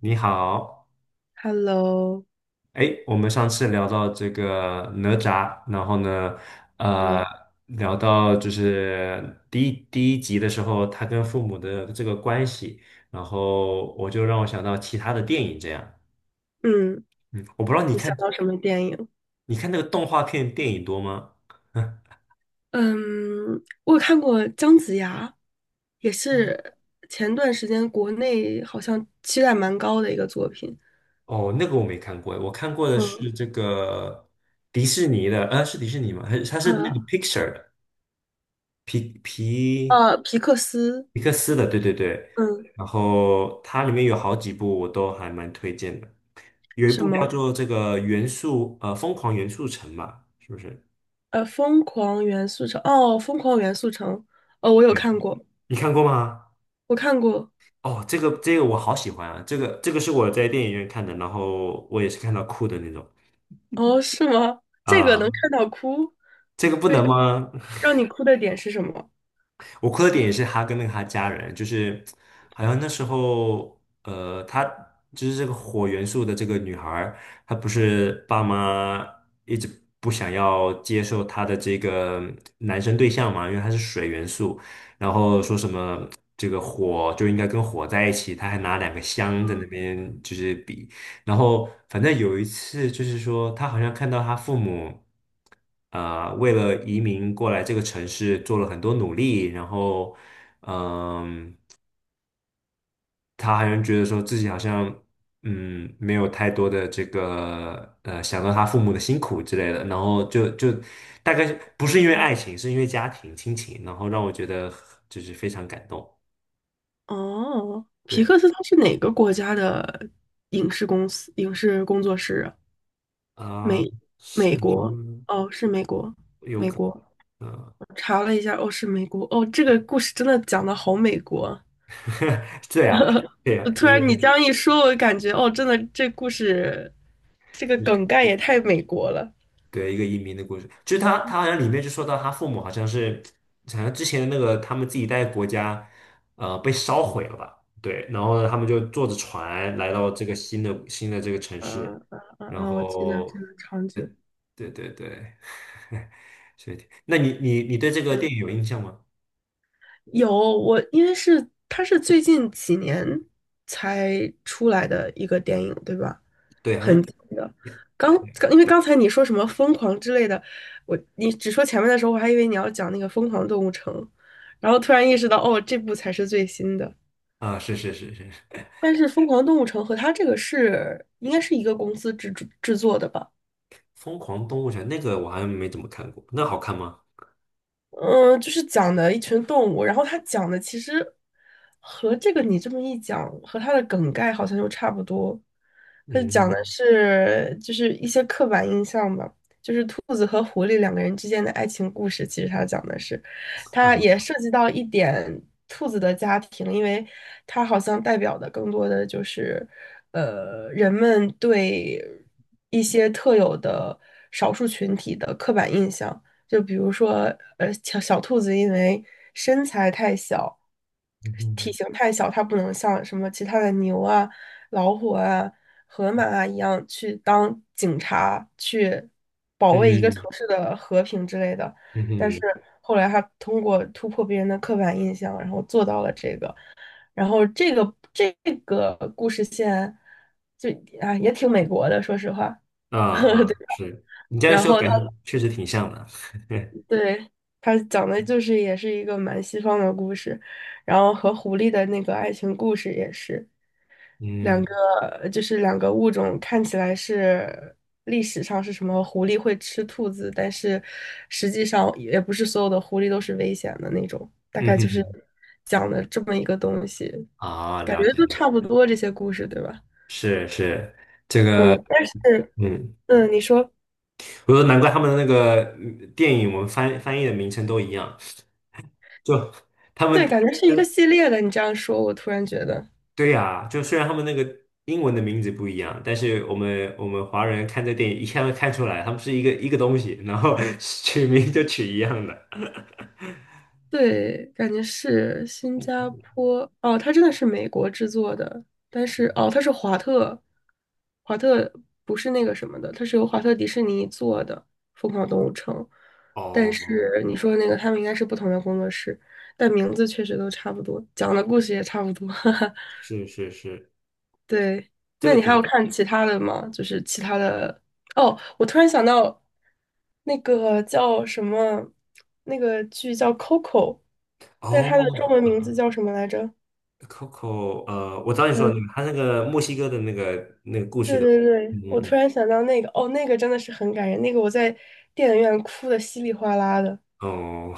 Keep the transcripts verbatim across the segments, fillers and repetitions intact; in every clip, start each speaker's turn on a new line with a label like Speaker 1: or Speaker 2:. Speaker 1: 你好。
Speaker 2: Hello，
Speaker 1: 哎，我们上次聊到这个哪吒，然后呢，呃，
Speaker 2: 对，
Speaker 1: 聊到就是第一第一集的时候，他跟父母的这个关系，然后我就让我想到其他的电影这样。
Speaker 2: 嗯，
Speaker 1: 嗯，我不知道你
Speaker 2: 你想
Speaker 1: 看
Speaker 2: 到什么电影？
Speaker 1: 你看那个动画片电影多吗？
Speaker 2: 嗯，我有看过姜子牙，也是前段时间国内好像期待蛮高的一个作品。
Speaker 1: 哦，那个我没看过。我看过的
Speaker 2: 嗯
Speaker 1: 是这个迪士尼的，呃，是迪士尼吗？还是它是那个
Speaker 2: 啊
Speaker 1: Pixar 的皮皮？
Speaker 2: 呃，皮克斯，
Speaker 1: 皮克斯的，对对对。
Speaker 2: 嗯，
Speaker 1: 然后它里面有好几部我都还蛮推荐的，有一
Speaker 2: 什
Speaker 1: 部叫
Speaker 2: 么？
Speaker 1: 做这个元素呃疯狂元素城嘛，是不是？
Speaker 2: 呃，疯狂元素城，哦，疯狂元素城，哦，我有
Speaker 1: 对，
Speaker 2: 看过，
Speaker 1: 你看过吗？
Speaker 2: 我看过，
Speaker 1: 哦，这个这个我好喜欢啊，这个这个是我在电影院看的，然后我也是看到哭的那种。
Speaker 2: 哦，是吗？这个能
Speaker 1: 啊，
Speaker 2: 看到哭，
Speaker 1: 这个不
Speaker 2: 为
Speaker 1: 能吗？
Speaker 2: 让你哭的点是什么？
Speaker 1: 我哭的点也是他跟那个他家人，就是好像那时候，呃，他就是这个火元素的这个女孩儿，她不是爸妈一直不想要接受她的这个男生对象嘛，因为他是水元素，然后说什么这个火就应该跟火在一起，他还拿两个香在
Speaker 2: 啊，
Speaker 1: 那边就是比。然后反正有一次就是说，他好像看到他父母，啊、为了移民过来这个城市做了很多努力。然后，嗯，他好像觉得说自己好像，嗯，没有太多的这个，呃，想到他父母的辛苦之类的，然后就就大概是不是因为爱情，是因为家庭亲情，然后让我觉得就是非常感动。
Speaker 2: 哦，皮
Speaker 1: 对。
Speaker 2: 克斯它是哪个国家的影视公司、影视工作室啊？
Speaker 1: 啊、
Speaker 2: 美
Speaker 1: 是
Speaker 2: 美
Speaker 1: 我
Speaker 2: 国？
Speaker 1: 们
Speaker 2: 哦，是美国，
Speaker 1: 有
Speaker 2: 美
Speaker 1: 可
Speaker 2: 国。
Speaker 1: 能。嗯、
Speaker 2: 我查了一下，哦，是美国。哦，这个故事真的讲的好美国啊。
Speaker 1: 对啊，对啊，
Speaker 2: 呃
Speaker 1: 就
Speaker 2: 突然你
Speaker 1: 是。
Speaker 2: 这样一说，我感觉哦，真的这故事这个梗概也太美国了。
Speaker 1: 对，一个移民的故事，就是他，他好像里面就说到他父母好像是，好像之前的那个他们自己带的国家，呃，被烧毁了吧？对。然后呢，他们就坐着船来到这个新的新的这个城市，
Speaker 2: 嗯嗯嗯
Speaker 1: 然
Speaker 2: 嗯，我记得这
Speaker 1: 后，
Speaker 2: 个场景。
Speaker 1: 对对对。所以，那你你你对这个
Speaker 2: 对，
Speaker 1: 电影有印象吗？
Speaker 2: 有我，因为是它是最近几年才出来的一个电影，对吧？
Speaker 1: 对，好
Speaker 2: 很
Speaker 1: 像
Speaker 2: 紧的。刚刚因为刚才你说什么疯狂之类的，我你只说前面的时候，我还以为你要讲那个《疯狂动物城》，然后突然意识到，哦，这部才是最新的。
Speaker 1: 啊，是是是是，
Speaker 2: 但是《疯狂动物城》和它这个是应该是一个公司制制作的吧？
Speaker 1: 《疯狂动物城》那个我好像没怎么看过，那好看吗？
Speaker 2: 嗯，就是讲的一群动物，然后他讲的其实和这个你这么一讲，和他的梗概好像又差不多。它讲
Speaker 1: 嗯
Speaker 2: 的是就是一些刻板印象吧，就是兔子和狐狸两个人之间的爱情故事。其实他讲的是，他也
Speaker 1: 啊，
Speaker 2: 涉及到一点兔子的家庭，因为他好像代表的更多的就是，呃，人们对一些特有的少数群体的刻板印象。就比如说，呃，小小兔子因为身材太小，体
Speaker 1: 嗯
Speaker 2: 型太小，它不能像什么其他的牛啊、老虎啊、河马啊一样去当警察，去保卫一个城
Speaker 1: 嗯
Speaker 2: 市的和平之类的。
Speaker 1: 嗯
Speaker 2: 但是
Speaker 1: 嗯。
Speaker 2: 后来它通过突破别人的刻板印象，然后做到了这个。然后这个这个故事线就啊也挺美国的，说实话。
Speaker 1: 啊啊，
Speaker 2: 对。
Speaker 1: 是你这样
Speaker 2: 然
Speaker 1: 说，
Speaker 2: 后他
Speaker 1: 感觉确实挺像的。
Speaker 2: 对，它讲的就是也是一个蛮西方的故事，然后和狐狸的那个爱情故事也是两
Speaker 1: 嗯
Speaker 2: 个，就是两个物种看起来是历史上是什么狐狸会吃兔子，但是实际上也不是所有的狐狸都是危险的那种，大
Speaker 1: 嗯
Speaker 2: 概就是
Speaker 1: 嗯，
Speaker 2: 讲的这么一个东西，
Speaker 1: 啊，
Speaker 2: 感觉
Speaker 1: 了解
Speaker 2: 都
Speaker 1: 了，
Speaker 2: 差不多这些故事，对吧？
Speaker 1: 是是，
Speaker 2: 嗯，但是
Speaker 1: 嗯，
Speaker 2: 嗯，你说
Speaker 1: 我说难怪他们的那个嗯电影，我们翻翻译的名称都一样，就他们
Speaker 2: 对，感觉是一个系列的，你这样说，我突然觉得。
Speaker 1: 对呀、就虽然他们那个英文的名字不一样，但是我们我们华人看这电影一看就看出来，他们是一个一个东西，然后 取名就取一样的。
Speaker 2: 对，感觉是新加坡哦，它真的是美国制作的，但是哦，它是华特，华特不是那个什么的，它是由华特迪士尼做的《疯狂动物城》，但
Speaker 1: 哦，
Speaker 2: 是你说那个他们应该是不同的工作室，但名字确实都差不多，讲的故事也差不多。
Speaker 1: 是是是，
Speaker 2: 对，
Speaker 1: 这
Speaker 2: 那
Speaker 1: 个
Speaker 2: 你还有
Speaker 1: 讲
Speaker 2: 看其他的吗？就是其他的，哦，我突然想到，那个叫什么，那个剧叫《Coco》，但是它的中文
Speaker 1: 哦。
Speaker 2: 名字叫什么来着？
Speaker 1: Coco,呃，我知道你说的那
Speaker 2: 嗯，
Speaker 1: 个，他那个墨西哥的那个那个故事
Speaker 2: 对
Speaker 1: 的，
Speaker 2: 对对，
Speaker 1: 嗯
Speaker 2: 我突
Speaker 1: 嗯
Speaker 2: 然想到那个，哦，那个真的是很感人，那个我在电影院哭的稀里哗啦的。
Speaker 1: 嗯哦。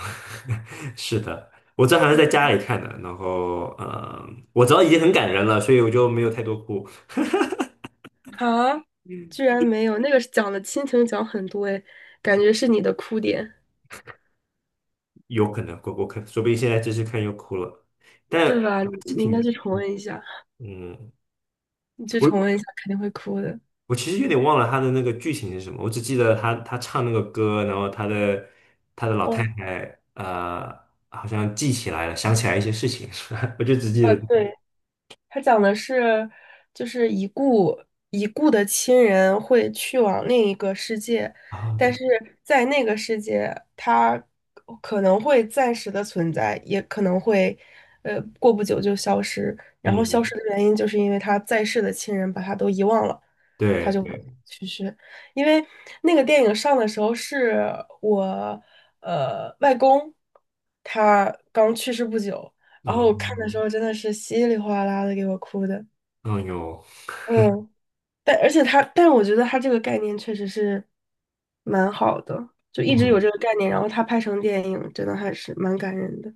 Speaker 1: 是的，我这还是
Speaker 2: 嗯
Speaker 1: 在家里看的，然后呃，我知道已经很感人了，所以我就没有太多哭，
Speaker 2: 啊，居然没有，那个是讲的亲情讲很多诶，感觉是你的哭点，
Speaker 1: 有可能过过可说不定现在继续看又哭了，但
Speaker 2: 对吧？你你应该去重温一下，
Speaker 1: 嗯，
Speaker 2: 你去重温
Speaker 1: 我
Speaker 2: 一下，肯定会哭的。
Speaker 1: 我其实有点忘了他的那个剧情是什么，我只记得他他唱那个歌，然后他的他的老太
Speaker 2: 哇
Speaker 1: 太呃好像记起来了，想起来一些事情，是吧？我就只记得
Speaker 2: 啊，
Speaker 1: 这个，
Speaker 2: 对，它讲的是，就是已故已故的亲人会去往另一个世界，
Speaker 1: 哦，对，
Speaker 2: 但是在那个世界，他可能会暂时的存在，也可能会，呃，过不久就消失。然后消
Speaker 1: 嗯。
Speaker 2: 失的原因就是因为他在世的亲人把他都遗忘了，他
Speaker 1: 对
Speaker 2: 就
Speaker 1: 对，
Speaker 2: 去世。因为那个电影上的时候是我，呃，外公他刚去世不久，然后我看的时
Speaker 1: 嗯
Speaker 2: 候真的是稀里哗啦的给我哭的，
Speaker 1: 嗯哟，
Speaker 2: 嗯，但而且他，但我觉得他这个概念确实是蛮好的，就一直有
Speaker 1: 嗯，
Speaker 2: 这个概念，然后他拍成电影，真的还是蛮感人的，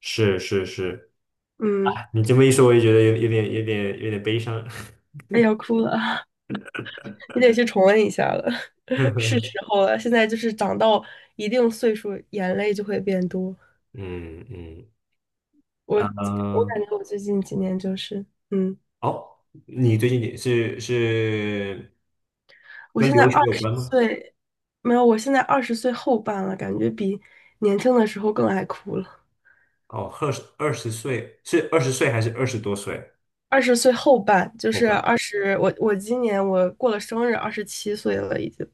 Speaker 1: 是是是，
Speaker 2: 嗯，
Speaker 1: 你这么一说，我也觉得有有点有点有点悲伤。
Speaker 2: 哎呀，要哭了啊，你得去重温一下了，是 时候了，现在就是长到一定岁数，眼泪就会变多，
Speaker 1: 嗯嗯，
Speaker 2: 我我
Speaker 1: 呃，
Speaker 2: 感觉我最近几年就是，嗯，
Speaker 1: 哦，你最近也是是
Speaker 2: 我
Speaker 1: 跟
Speaker 2: 现在
Speaker 1: 留学
Speaker 2: 二
Speaker 1: 有
Speaker 2: 十
Speaker 1: 关吗？
Speaker 2: 岁。没有，我现在二十岁后半了，感觉比年轻的时候更爱哭了。
Speaker 1: 哦，二十二十岁是二十岁还是二十多岁？
Speaker 2: 二十岁后半，就
Speaker 1: 后
Speaker 2: 是
Speaker 1: 半
Speaker 2: 二十，我我今年我过了生日，二十七岁了已经。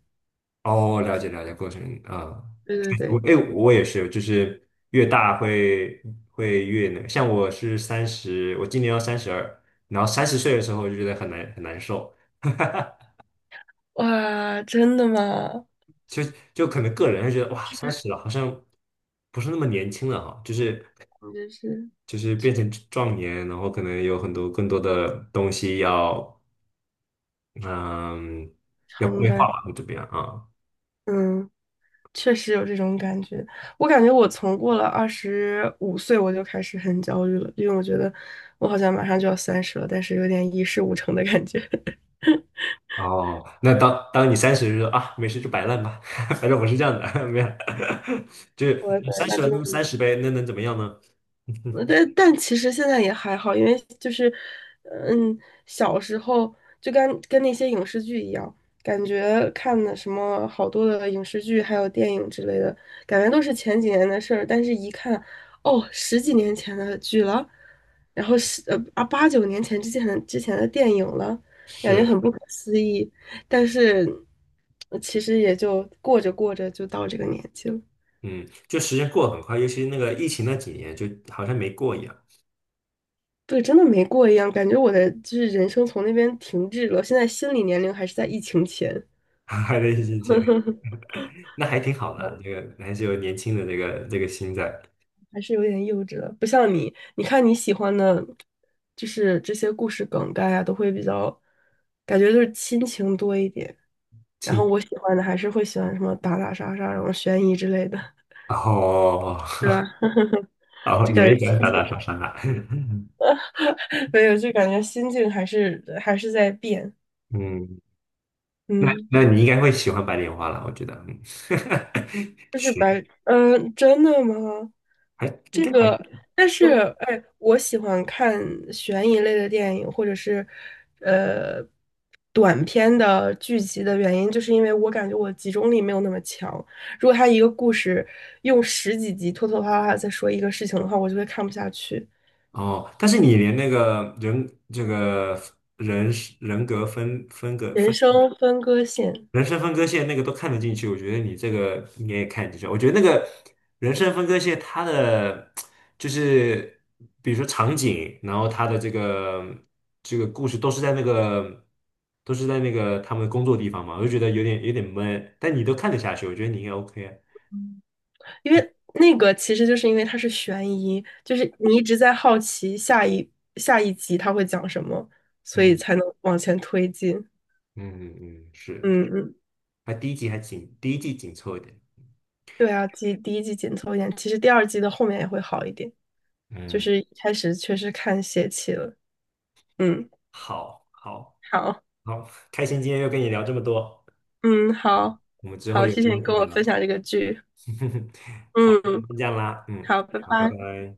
Speaker 1: 哦，了解了解，过程啊。
Speaker 2: 对对
Speaker 1: 我
Speaker 2: 对，
Speaker 1: 哎，我也是，就是越大会会越那个，像我是三十，我今年要三十二，然后三十岁的时候就觉得很难很难受，
Speaker 2: 哇，真的吗？
Speaker 1: 就就可能个人会觉得哇，
Speaker 2: 就
Speaker 1: 三
Speaker 2: 是
Speaker 1: 十了好像不是那么年轻了哈，就是
Speaker 2: 我就是
Speaker 1: 就是
Speaker 2: 确
Speaker 1: 变成
Speaker 2: 实
Speaker 1: 壮年，然后可能有很多更多的东西要嗯要
Speaker 2: 承
Speaker 1: 规划
Speaker 2: 担，
Speaker 1: 吧，么样啊。
Speaker 2: 嗯，确实有这种感觉。我感觉我从过了二十五岁我就开始很焦虑了，因为我觉得我好像马上就要三十了，但是有点一事无成的感觉。
Speaker 1: 哦，那当当你三十就说啊，没事就摆烂吧，反正我是这样的，没有，就是
Speaker 2: 我的天，
Speaker 1: 三
Speaker 2: 那
Speaker 1: 十了
Speaker 2: 真
Speaker 1: 那
Speaker 2: 的
Speaker 1: 就三十呗，那能怎么样呢？
Speaker 2: 呃 但但其实现在也还好，因为就是，嗯，小时候就跟跟那些影视剧一样，感觉看的什么好多的影视剧，还有电影之类的，感觉都是前几年的事儿，但是一看，哦，十几年前的剧了，然后是呃啊八九年前之前的之前的电影了，感觉
Speaker 1: 是，
Speaker 2: 很不可思议，但是呃其实也就过着过着就到这个年纪了。
Speaker 1: 嗯，就时间过得很快，尤其那个疫情那几年，就好像没过一样。
Speaker 2: 对，真的没过一样，感觉我的就是人生从那边停滞了。现在心理年龄还是在疫情前，
Speaker 1: 还在疫情前。那还挺好的，这个还是有年轻的这个这个心在。
Speaker 2: 还是有点幼稚了。不像你，你看你喜欢的，就是这些故事梗概啊，都会比较，感觉就是亲情多一点。然后
Speaker 1: 亲
Speaker 2: 我喜欢的还是会喜欢什么打打杀杀，然后悬疑之类的，
Speaker 1: 哦，
Speaker 2: 对吧？
Speaker 1: 哦，
Speaker 2: 就感
Speaker 1: 年
Speaker 2: 觉
Speaker 1: 一百
Speaker 2: 心
Speaker 1: 打
Speaker 2: 情
Speaker 1: 打杀杀。
Speaker 2: 没有，就感觉心境还是还是在变。
Speaker 1: 嗯，那
Speaker 2: 嗯。
Speaker 1: 那你应该会喜欢白莲花了，我觉得，嗯。
Speaker 2: 就是
Speaker 1: 行，
Speaker 2: 白，嗯，真的吗？
Speaker 1: 还应
Speaker 2: 这
Speaker 1: 该还
Speaker 2: 个，但是，哎，我喜欢看悬疑类的电影，或者是，呃，短片的剧集的原因，就是因为我感觉我集中力没有那么强。如果他一个故事用十几集拖拖拉拉地在说一个事情的话，我就会看不下去。
Speaker 1: 哦。但是你连那个人这个人人格分分隔
Speaker 2: 人
Speaker 1: 分。
Speaker 2: 生分割线。
Speaker 1: 人生分割线那个都看得进去，我觉得你这个应该也看得进去。我觉得那个人生分割线，它的就是比如说场景，然后它的这个这个故事都是在那个都是在那个他们的工作地方嘛，我就觉得有点有点闷，但你都看得下去，我觉得你应该 OK 啊。
Speaker 2: 因为那个其实就是因为它是悬疑，就是你一直在好奇下一下一集它会讲什么，所以
Speaker 1: 嗯
Speaker 2: 才能往前推进。
Speaker 1: 嗯嗯，是，
Speaker 2: 嗯嗯，
Speaker 1: 还第一集还紧，第一季紧凑一点。
Speaker 2: 对啊，第第一季紧凑一点，其实第二季的后面也会好一点，就
Speaker 1: 嗯，
Speaker 2: 是一开始确实看泄气了。嗯，
Speaker 1: 好，好，
Speaker 2: 好，
Speaker 1: 好，开心今天又跟你聊这么多，
Speaker 2: 嗯，好，
Speaker 1: 我们之后
Speaker 2: 好，
Speaker 1: 有
Speaker 2: 谢
Speaker 1: 机
Speaker 2: 谢你
Speaker 1: 会再
Speaker 2: 跟我分
Speaker 1: 聊。
Speaker 2: 享这个剧。
Speaker 1: 好，
Speaker 2: 嗯，
Speaker 1: 先这样啦，嗯，
Speaker 2: 好，拜
Speaker 1: 好，拜
Speaker 2: 拜。
Speaker 1: 拜。